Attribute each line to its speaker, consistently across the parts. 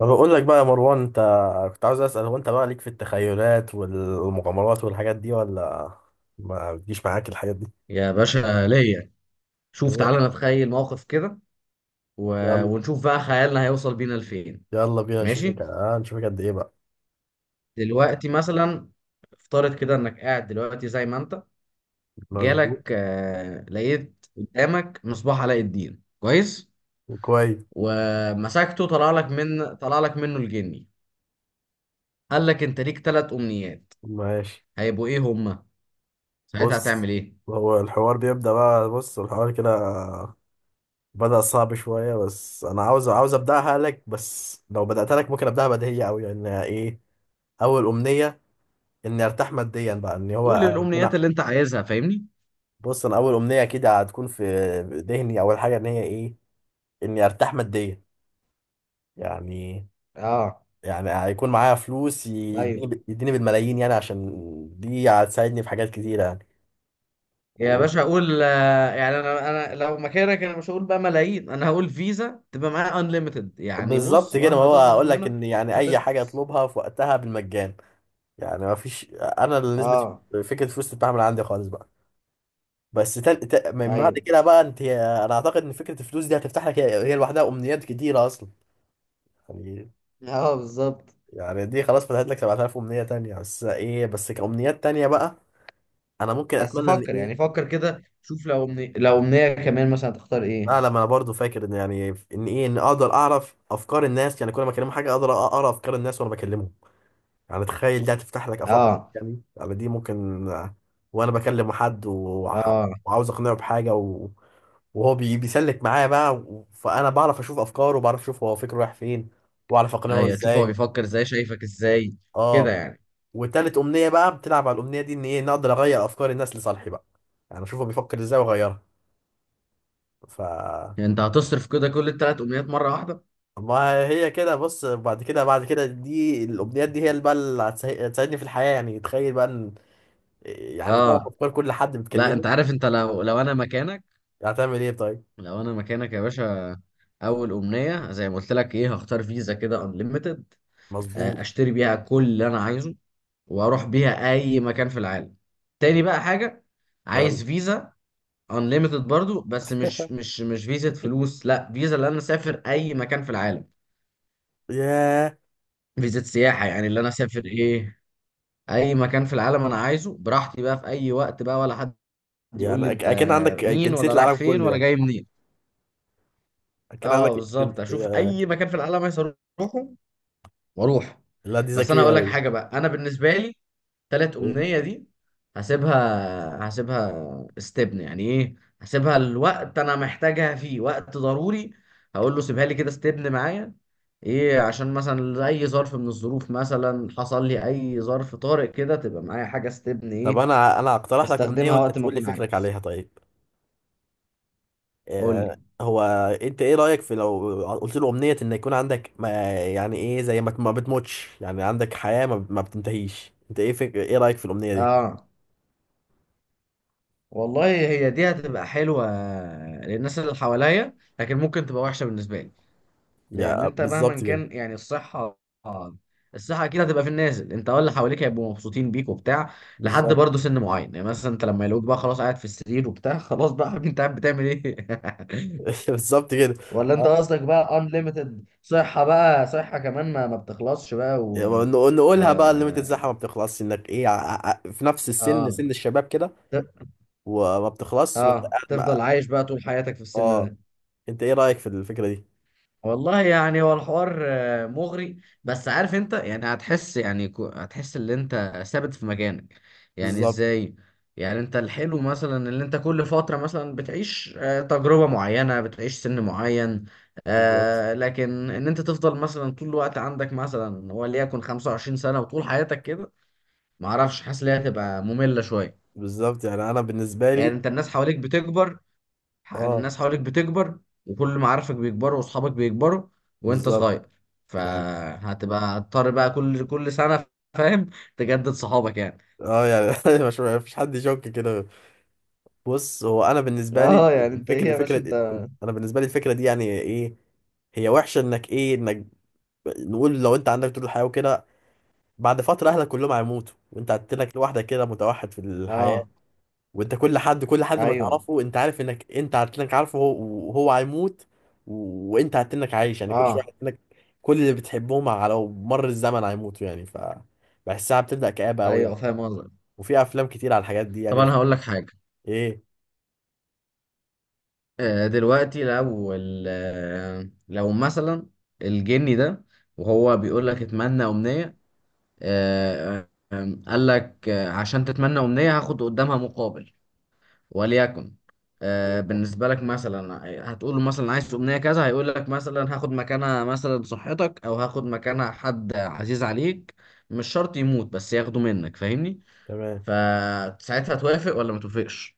Speaker 1: ما بقول لك بقى يا مروان انت كنت عاوز اسال هو انت بقى ليك في التخيلات والمغامرات والحاجات دي ولا ما بتجيش معاك الحاجات دي
Speaker 2: يا باشا ليا. شوف
Speaker 1: ليه؟
Speaker 2: تعالى نتخيل موقف كده و...
Speaker 1: يلا،
Speaker 2: ونشوف بقى خيالنا هيوصل بينا لفين.
Speaker 1: يلا بينا نشوفك،
Speaker 2: ماشي.
Speaker 1: اه نشوفك قد ايه بقى.
Speaker 2: دلوقتي مثلا افترض كده انك قاعد دلوقتي زي ما انت
Speaker 1: مظبوط.
Speaker 2: جالك لقيت قدامك مصباح علاء الدين. كويس.
Speaker 1: كويس.
Speaker 2: ومسكته طلع لك منه الجني، قال لك انت ليك ثلاث امنيات.
Speaker 1: ماشي.
Speaker 2: هيبقوا ايه هما؟ ساعتها
Speaker 1: بص
Speaker 2: هتعمل ايه؟
Speaker 1: هو الحوار بيبدا بقى، بص الحوار كده بدا صعب شويه، بس انا عاوز ابداها لك، بس لو بداتها لك ممكن ابداها بديهيه قوي. يعني ايه اول امنيه؟ اني ارتاح ماديا بقى، ان
Speaker 2: قول
Speaker 1: هو يكون.
Speaker 2: الامنيات اللي انت عايزها، فاهمني.
Speaker 1: بص انا اول امنيه اكيد هتكون في ذهني، اول حاجه ان هي ايه؟ اني ارتاح ماديا يعني.
Speaker 2: اه،
Speaker 1: يعني هيكون معايا فلوس،
Speaker 2: ايوه.
Speaker 1: يديني بالملايين يعني، عشان دي هتساعدني في حاجات كتيره يعني.
Speaker 2: يا
Speaker 1: و-
Speaker 2: باشا اقول يعني انا لو مكانك انا مش هقول بقى ملايين، انا هقول فيزا تبقى معايا انليمتد، يعني
Speaker 1: بالظبط
Speaker 2: بص
Speaker 1: كده، ما
Speaker 2: مهما
Speaker 1: هو
Speaker 2: تصرف
Speaker 1: اقول لك
Speaker 2: منها
Speaker 1: ان يعني
Speaker 2: مش
Speaker 1: اي حاجه
Speaker 2: هتخلص.
Speaker 1: اطلبها في وقتها بالمجان. يعني ما فيش انا اللي نسبه
Speaker 2: اه،
Speaker 1: فكره الفلوس تتباع من عندي خالص بقى. من بعد
Speaker 2: ايوه.
Speaker 1: كده بقى انت، انا اعتقد ان فكره الفلوس دي هتفتح لك، هي لوحدها امنيات كتيره اصلا. يعني،
Speaker 2: اه، بالظبط.
Speaker 1: يعني دي خلاص فتحت لك 7000 امنيه تانية، بس ايه بس كامنيات تانية بقى. انا ممكن
Speaker 2: بس
Speaker 1: اتمنى ان
Speaker 2: فكر يعني
Speaker 1: ايه؟
Speaker 2: فكر كده شوف لو امنية كمان مثلا هتختار ايه؟
Speaker 1: اعلم انا برضو، فاكر ان يعني، ان ايه، ان اقدر اعرف افكار الناس، يعني كل ما اكلمه حاجه اقدر اقرا افكار الناس وانا بكلمه. يعني تخيل ده هتفتح لك افاق.
Speaker 2: اه.
Speaker 1: يعني، يعني دي ممكن، وانا بكلم حد
Speaker 2: اه،
Speaker 1: وعاوز اقنعه بحاجه، وهو بيسلك معايا بقى، فانا بعرف اشوف افكاره، وبعرف اشوف هو فكره رايح فين، واعرف اقنعه
Speaker 2: ايوه، شوف هو
Speaker 1: ازاي.
Speaker 2: بيفكر ازاي شايفك ازاي
Speaker 1: اه،
Speaker 2: كده يعني.
Speaker 1: وتالت امنيه بقى بتلعب على الامنيه دي، ان ايه نقدر اغير افكار الناس لصالحي بقى. يعني اشوفه بيفكر ازاي واغيرها. ف
Speaker 2: يعني انت هتصرف كده كل الثلاث امنيات مرة واحدة؟
Speaker 1: ما هي كده، بص بعد كده، بعد كده دي الامنيات دي هي اللي بقى اللي هتساعدني في الحياه. يعني تخيل بقى ان، يعني تعرف
Speaker 2: اه.
Speaker 1: افكار كل حد
Speaker 2: لا
Speaker 1: بتكلمه.
Speaker 2: انت عارف انت لو انا مكانك،
Speaker 1: هتعمل ايه طيب؟
Speaker 2: لو انا مكانك يا باشا، اول امنيه زي ما قلت لك ايه، هختار فيزا كده انليميتد،
Speaker 1: مظبوط.
Speaker 2: اشتري بيها كل اللي انا عايزه واروح بيها اي مكان في العالم. تاني بقى حاجه،
Speaker 1: يلا.
Speaker 2: عايز فيزا انليميتد برضو، بس مش مش مش فيزا فلوس، لا، فيزا اللي انا اسافر اي مكان في العالم.
Speaker 1: ياه.
Speaker 2: فيزا سياحه يعني، اللي انا اسافر ايه اي مكان في العالم انا عايزه براحتي بقى في اي وقت، بقى ولا حد يقول
Speaker 1: يعني
Speaker 2: لي انت
Speaker 1: اكن عندك
Speaker 2: مين،
Speaker 1: جنسيه
Speaker 2: ولا رايح
Speaker 1: العالم
Speaker 2: فين،
Speaker 1: كله
Speaker 2: ولا
Speaker 1: يعني.
Speaker 2: جاي منين.
Speaker 1: اكن عندك
Speaker 2: اه،
Speaker 1: جن-
Speaker 2: بالظبط، اشوف
Speaker 1: آه،
Speaker 2: اي مكان في العالم عايز اروحه واروح.
Speaker 1: لا دي
Speaker 2: بس انا
Speaker 1: ذكيه
Speaker 2: اقول لك
Speaker 1: قوي.
Speaker 2: حاجه بقى، انا بالنسبه لي تلات امنيه دي هسيبها استبن، يعني ايه، هسيبها الوقت انا محتاجها فيه وقت ضروري، هقول له سيبها لي كده استبن معايا ايه، عشان مثلا اي ظرف من الظروف مثلا حصل لي، اي ظرف طارئ كده، تبقى معايا حاجه استبن
Speaker 1: طب
Speaker 2: ايه،
Speaker 1: انا، انا هقترح لك امنيه
Speaker 2: استخدمها
Speaker 1: وانت
Speaker 2: وقت ما
Speaker 1: تقول لي
Speaker 2: اكون
Speaker 1: فكرك
Speaker 2: عايز.
Speaker 1: عليها طيب.
Speaker 2: قول لي.
Speaker 1: هو انت ايه رأيك في لو قلت له امنية ان يكون عندك ما، يعني ايه زي ما ما بتموتش، يعني عندك حياة ما بتنتهيش، انت ايه ايه رأيك في الامنية دي؟
Speaker 2: اه. والله هي دي هتبقى حلوه للناس اللي حواليا، لكن ممكن تبقى وحشه بالنسبه لي، لان
Speaker 1: يعني
Speaker 2: انت مهما
Speaker 1: بالظبط كده.
Speaker 2: كان يعني الصحه، الصحه اكيد هتبقى في النازل، انت ولا حواليك هيبقوا مبسوطين بيك وبتاع، لحد
Speaker 1: بالظبط.
Speaker 2: برضه سن معين. يعني مثلا انت لما يلاقوك بقى خلاص قاعد في السرير وبتاع خلاص بقى يا حبيبي انت قاعد بتعمل ايه؟
Speaker 1: بالظبط كده.
Speaker 2: ولا انت
Speaker 1: ها؟
Speaker 2: قصدك بقى unlimited صحه بقى، صحه كمان ما بتخلصش بقى
Speaker 1: يعني
Speaker 2: و
Speaker 1: نقولها بقى الليميتد بتاعها ما بتخلصش، انك ايه، في نفس السن،
Speaker 2: اه
Speaker 1: سن الشباب كده،
Speaker 2: ت-
Speaker 1: وما بتخلص وانت
Speaker 2: اه،
Speaker 1: قاعد مع.
Speaker 2: تفضل عايش بقى طول حياتك في السن
Speaker 1: اه،
Speaker 2: ده.
Speaker 1: انت ايه رأيك في الفكرة دي؟
Speaker 2: والله يعني هو الحوار مغري، بس عارف انت يعني هتحس، يعني هتحس ان انت ثابت في مكانك. يعني
Speaker 1: بالظبط.
Speaker 2: ازاي؟ يعني انت الحلو مثلا اللي انت كل فترة مثلا بتعيش تجربة معينة، بتعيش سن معين،
Speaker 1: بالظبط.
Speaker 2: لكن ان انت تفضل مثلا طول الوقت عندك مثلا وليكن 25 سنة وطول حياتك كده، معرفش حاسس ان هي هتبقى مملة شوية.
Speaker 1: بالظبط يعني انا بالنسبة
Speaker 2: يعني
Speaker 1: لي.
Speaker 2: انت الناس حواليك بتكبر،
Speaker 1: اه
Speaker 2: الناس حواليك بتكبر، وكل معارفك بيكبروا واصحابك بيكبروا، وانت
Speaker 1: بالظبط.
Speaker 2: صغير،
Speaker 1: يعني،
Speaker 2: فهتبقى هتضطر بقى كل سنة، فاهم، تجدد صحابك يعني.
Speaker 1: اه يعني مش، مش حد يشك كده. بص هو انا بالنسبه لي
Speaker 2: اه، يعني انت ايه
Speaker 1: الفكره،
Speaker 2: يا باشا انت؟
Speaker 1: الفكره، انا بالنسبه لي الفكره دي يعني ايه؟ هي وحشه انك ايه، انك نقول لو انت عندك طول الحياه وكده، بعد فتره اهلك كلهم هيموتوا، وانت هتتلك لوحدك كده، متوحد في الحياه.
Speaker 2: اه،
Speaker 1: وانت كل حد، كل حد ما
Speaker 2: ايوه.
Speaker 1: تعرفه انت عارف انك انت هتتلك، وهو هيموت. وانت هتتلك عايش، يعني كل شويه
Speaker 2: اه،
Speaker 1: هتتلك، كل اللي بتحبهم على مر الزمن هيموتوا يعني. ف بحسها بتبدا كآبه قوي
Speaker 2: ايوه
Speaker 1: يعني.
Speaker 2: فاهم قصدك.
Speaker 1: وفي افلام كتير على الحاجات دي
Speaker 2: طب
Speaker 1: يعني.
Speaker 2: انا هقول لك حاجة.
Speaker 1: ايه؟
Speaker 2: دلوقتي لو ال- آه، لو مثلا الجني ده وهو بيقول لك اتمنى امنية، آه، آه، قال لك عشان تتمنى امنية هاخد قدامها مقابل، وليكن بالنسبة لك مثلا، هتقول له مثلا عايز أمنية كذا، هيقول لك مثلا هاخد مكانها مثلا صحتك، أو هاخد مكانها حد عزيز عليك، مش شرط يموت بس ياخده منك، فاهمني.
Speaker 1: تمام.
Speaker 2: فساعتها توافق ولا ما توافقش؟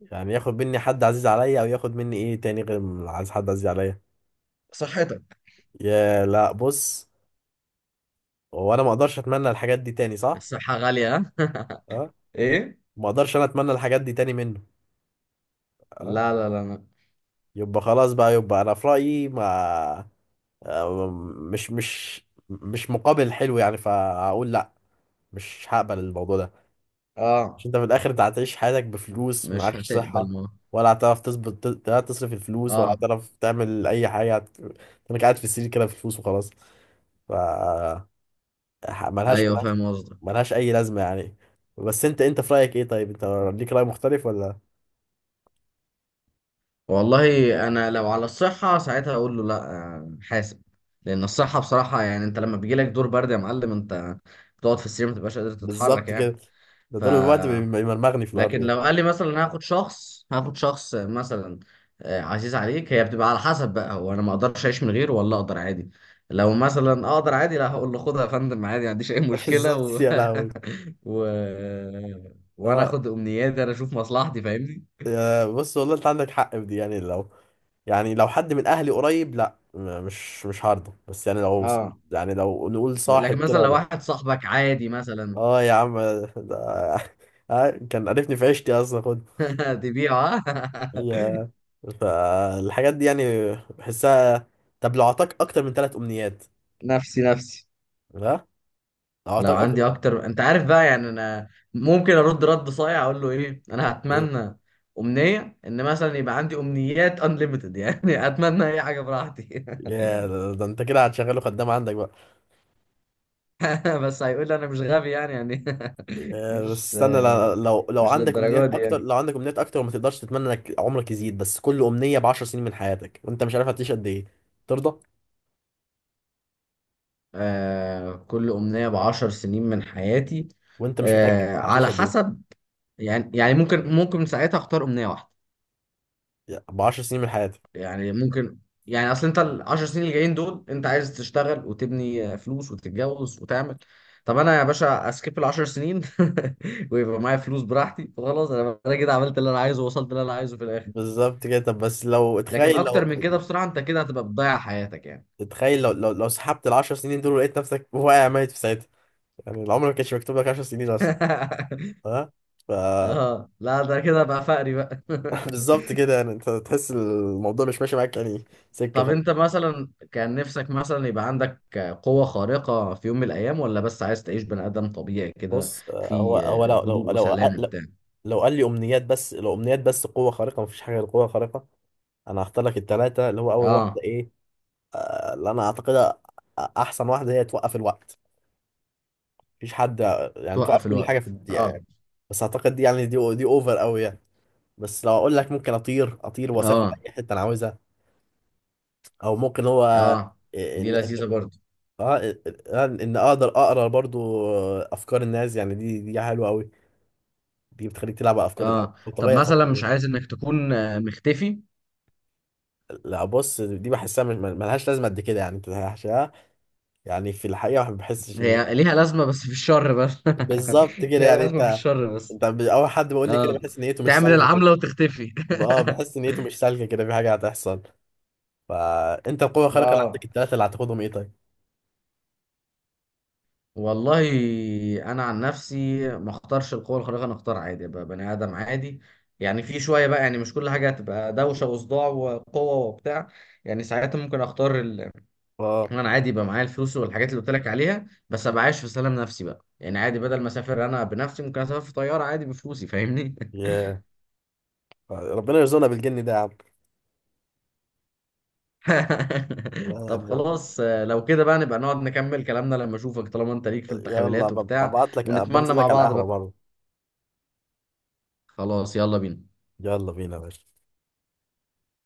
Speaker 1: يعني ياخد مني حد عزيز عليا، او ياخد مني ايه تاني غير عايز حد عزيز عليا؟
Speaker 2: صحتك.
Speaker 1: يا، لا بص، هو انا ما اقدرش اتمنى الحاجات دي تاني، صح؟
Speaker 2: الصحة غالية، ها؟
Speaker 1: اه.
Speaker 2: إيه؟
Speaker 1: ما اقدرش انا اتمنى الحاجات دي تاني منه. اه.
Speaker 2: لا لا لا لا.
Speaker 1: يبقى خلاص بقى، يبقى انا في رايي ما، آه، مش مش مش مقابل حلو يعني، فاقول لا، مش هقبل الموضوع ده.
Speaker 2: اه،
Speaker 1: مش انت في الاخر انت هتعيش حياتك بفلوس
Speaker 2: مش
Speaker 1: ومعكش صحة،
Speaker 2: هتقبل ما.
Speaker 1: ولا هتعرف تظبط لا تصرف الفلوس، ولا
Speaker 2: اه،
Speaker 1: هتعرف تعمل اي حاجة انك قاعد في السرير كده في فلوس وخلاص. ف ملهاش
Speaker 2: ايوه
Speaker 1: ملهاش
Speaker 2: فاهم قصدك.
Speaker 1: ملهاش اي لازمة يعني. بس انت، انت في رأيك ايه طيب؟ انت ليك رأي مختلف ولا؟
Speaker 2: والله انا لو على الصحه ساعتها اقول له لا، حاسب، لان الصحه بصراحه، يعني انت لما بيجي لك دور برد يا معلم، انت بتقعد في السرير ما بتبقاش قادر تتحرك
Speaker 1: بالظبط
Speaker 2: يعني.
Speaker 1: كده، ده
Speaker 2: ف،
Speaker 1: دول الوقت بيمرمغني في الارض
Speaker 2: لكن
Speaker 1: يعني.
Speaker 2: لو قال لي مثلا هاخد شخص مثلا عزيز عليك، هي بتبقى على حسب بقى، هو انا ما اقدرش اعيش من غيره ولا اقدر عادي. لو مثلا اقدر عادي، لا هقول له خدها يا فندم عادي، ما عنديش اي مشكله
Speaker 1: بالظبط يا لهوي.
Speaker 2: و... وانا
Speaker 1: اه،
Speaker 2: اخد امنياتي انا اشوف مصلحتي، فاهمني.
Speaker 1: يا، بص والله انت عندك حق في دي، يعني لو، يعني لو حد من اهلي قريب لا، مش هرضى، بس يعني لو،
Speaker 2: اه،
Speaker 1: يعني لو نقول
Speaker 2: لكن
Speaker 1: صاحب كده
Speaker 2: مثلا لو
Speaker 1: ولا.
Speaker 2: واحد صاحبك عادي مثلا.
Speaker 1: اه يا عم ده كان عرفني في عيشتي اصلا، خد.
Speaker 2: تبيعه.
Speaker 1: يا، فالحاجات دي يعني بحسها. طب لو اعطاك اكتر من 3 امنيات؟
Speaker 2: نفسي نفسي.
Speaker 1: ها؟ لو
Speaker 2: لو
Speaker 1: اعطاك اكتر.
Speaker 2: عندي اكتر انت عارف بقى، يعني انا ممكن ارد رد صايع اقول له ايه، انا
Speaker 1: يا،
Speaker 2: هتمنى امنيه ان مثلا يبقى عندي امنيات انليمتد يعني، اتمنى اي حاجه براحتي.
Speaker 1: يا ده، ده انت كده هتشغله خدام عندك بقى.
Speaker 2: بس هيقول لي انا مش غبي يعني، يعني
Speaker 1: بس
Speaker 2: مش،
Speaker 1: استنى، لو
Speaker 2: مش
Speaker 1: عندك
Speaker 2: للدرجه
Speaker 1: امنيات
Speaker 2: دي
Speaker 1: اكتر،
Speaker 2: يعني.
Speaker 1: لو عندك امنيات اكتر وما تقدرش تتمنى انك عمرك يزيد، بس كل امنيه ب 10 سنين من حياتك، وانت مش عارف هتعيش قد ايه، ترضى؟
Speaker 2: كل امنيه ب 10 سنين من حياتي.
Speaker 1: وانت مش متاكد هتعيش
Speaker 2: على
Speaker 1: قد ايه،
Speaker 2: حسب. يعني يعني ممكن ممكن ساعتها اختار امنيه واحده.
Speaker 1: ب 10 سنين من حياتك.
Speaker 2: يعني ممكن، يعني اصل انت ال 10 سنين اللي جايين دول انت عايز تشتغل وتبني فلوس وتتجوز وتعمل. طب انا يا باشا اسكيب ال 10 سنين ويبقى معايا فلوس براحتي وخلاص، انا كده عملت اللي انا عايزه ووصلت اللي انا عايزه في الاخر.
Speaker 1: بالظبط كده. طب بس لو
Speaker 2: لكن
Speaker 1: اتخيل، لو
Speaker 2: اكتر من كده بصراحة انت كده هتبقى بتضيع حياتك يعني.
Speaker 1: اتخيل لو، لو سحبت ال 10 سنين دول ولقيت نفسك واقع ميت في ساعتها، يعني العمر ما كانش مكتوب لك 10 سنين اصلا. ها. ف.
Speaker 2: اه لا، ده كده بقى فقري بقى.
Speaker 1: بالظبط كده، يعني انت تحس الموضوع مش ماشي معاك يعني سكه
Speaker 2: طب انت
Speaker 1: خالص.
Speaker 2: مثلا كان نفسك مثلا يبقى عندك قوة خارقة في يوم من الايام، ولا بس عايز تعيش بني ادم طبيعي كده
Speaker 1: بص، هو،
Speaker 2: في
Speaker 1: هو لو
Speaker 2: هدوء
Speaker 1: لو لو
Speaker 2: وسلام
Speaker 1: لو
Speaker 2: وبتاع.
Speaker 1: لو قال لي امنيات بس، لو امنيات بس قوه خارقه، مفيش حاجه غير قوه خارقه، انا هختار لك الثلاثه، اللي هو اول واحده
Speaker 2: اه،
Speaker 1: ايه، اللي انا اعتقدها احسن واحده، هي توقف الوقت. مفيش حد، يعني توقف
Speaker 2: توقف
Speaker 1: كل حاجه
Speaker 2: الوقت.
Speaker 1: في الدنيا
Speaker 2: اه.
Speaker 1: يعني. بس اعتقد دي يعني، دي اوفر قوي يعني. بس لو اقول لك ممكن اطير، اطير واسافر
Speaker 2: اه.
Speaker 1: اي حته انا عاوزها، او ممكن هو
Speaker 2: اه، دي
Speaker 1: ان، ان،
Speaker 2: لذيذة برضه.
Speaker 1: اه ان، إن اقدر اقرا برضو افكار الناس يعني، دي حلوه قوي، دي بتخليك تلعب على افكار الناس
Speaker 2: اه، طب
Speaker 1: وتغير
Speaker 2: مثلا
Speaker 1: افكارهم.
Speaker 2: مش عايز انك تكون مختفي؟
Speaker 1: لا بص دي بحسها مش، ملهاش لازمه قد كده يعني، انت يعني في الحقيقه ما بحسش ان.
Speaker 2: هي ليها لازمة بس في الشر بس.
Speaker 1: بالظبط كده.
Speaker 2: ليها
Speaker 1: يعني
Speaker 2: لازمة في
Speaker 1: انت،
Speaker 2: الشر بس.
Speaker 1: انت اول حد بقول لي كده
Speaker 2: اه،
Speaker 1: بحس نيته مش
Speaker 2: تعمل
Speaker 1: سالكه كده.
Speaker 2: العملة وتختفي.
Speaker 1: اه بحس نيته مش سالكه كده، في حاجه هتحصل. فانت القوة الخارقة اللي عندك
Speaker 2: اه،
Speaker 1: التلاتة اللي هتاخدهم ايه طيب؟
Speaker 2: والله انا عن نفسي ما اختارش القوة الخارقة، انا اختار عادي ابقى بني ادم عادي، يعني في شوية بقى، يعني مش كل حاجة هتبقى دوشة وصداع وقوة وبتاع. يعني ساعتها ممكن اختار
Speaker 1: اه.
Speaker 2: انا عادي، يبقى معايا الفلوس والحاجات اللي قلت لك عليها، بس ابقى عايش في سلام نفسي بقى، يعني عادي، بدل ما اسافر انا بنفسي ممكن اسافر في طياره عادي بفلوسي، فاهمني.
Speaker 1: ياه، ربنا يرزقنا بالجن ده يا عم. لا
Speaker 2: طب
Speaker 1: يعني،
Speaker 2: خلاص، لو كده بقى نبقى نقعد نكمل كلامنا لما اشوفك، طالما انت ليك في
Speaker 1: يلا
Speaker 2: التخيلات
Speaker 1: ببقى
Speaker 2: وبتاع
Speaker 1: ابعت لك،
Speaker 2: ونتمنى
Speaker 1: بنزل
Speaker 2: مع
Speaker 1: لك على
Speaker 2: بعض
Speaker 1: القهوة
Speaker 2: بقى.
Speaker 1: برضه.
Speaker 2: خلاص، يلا بينا.
Speaker 1: يلا بينا يا باشا.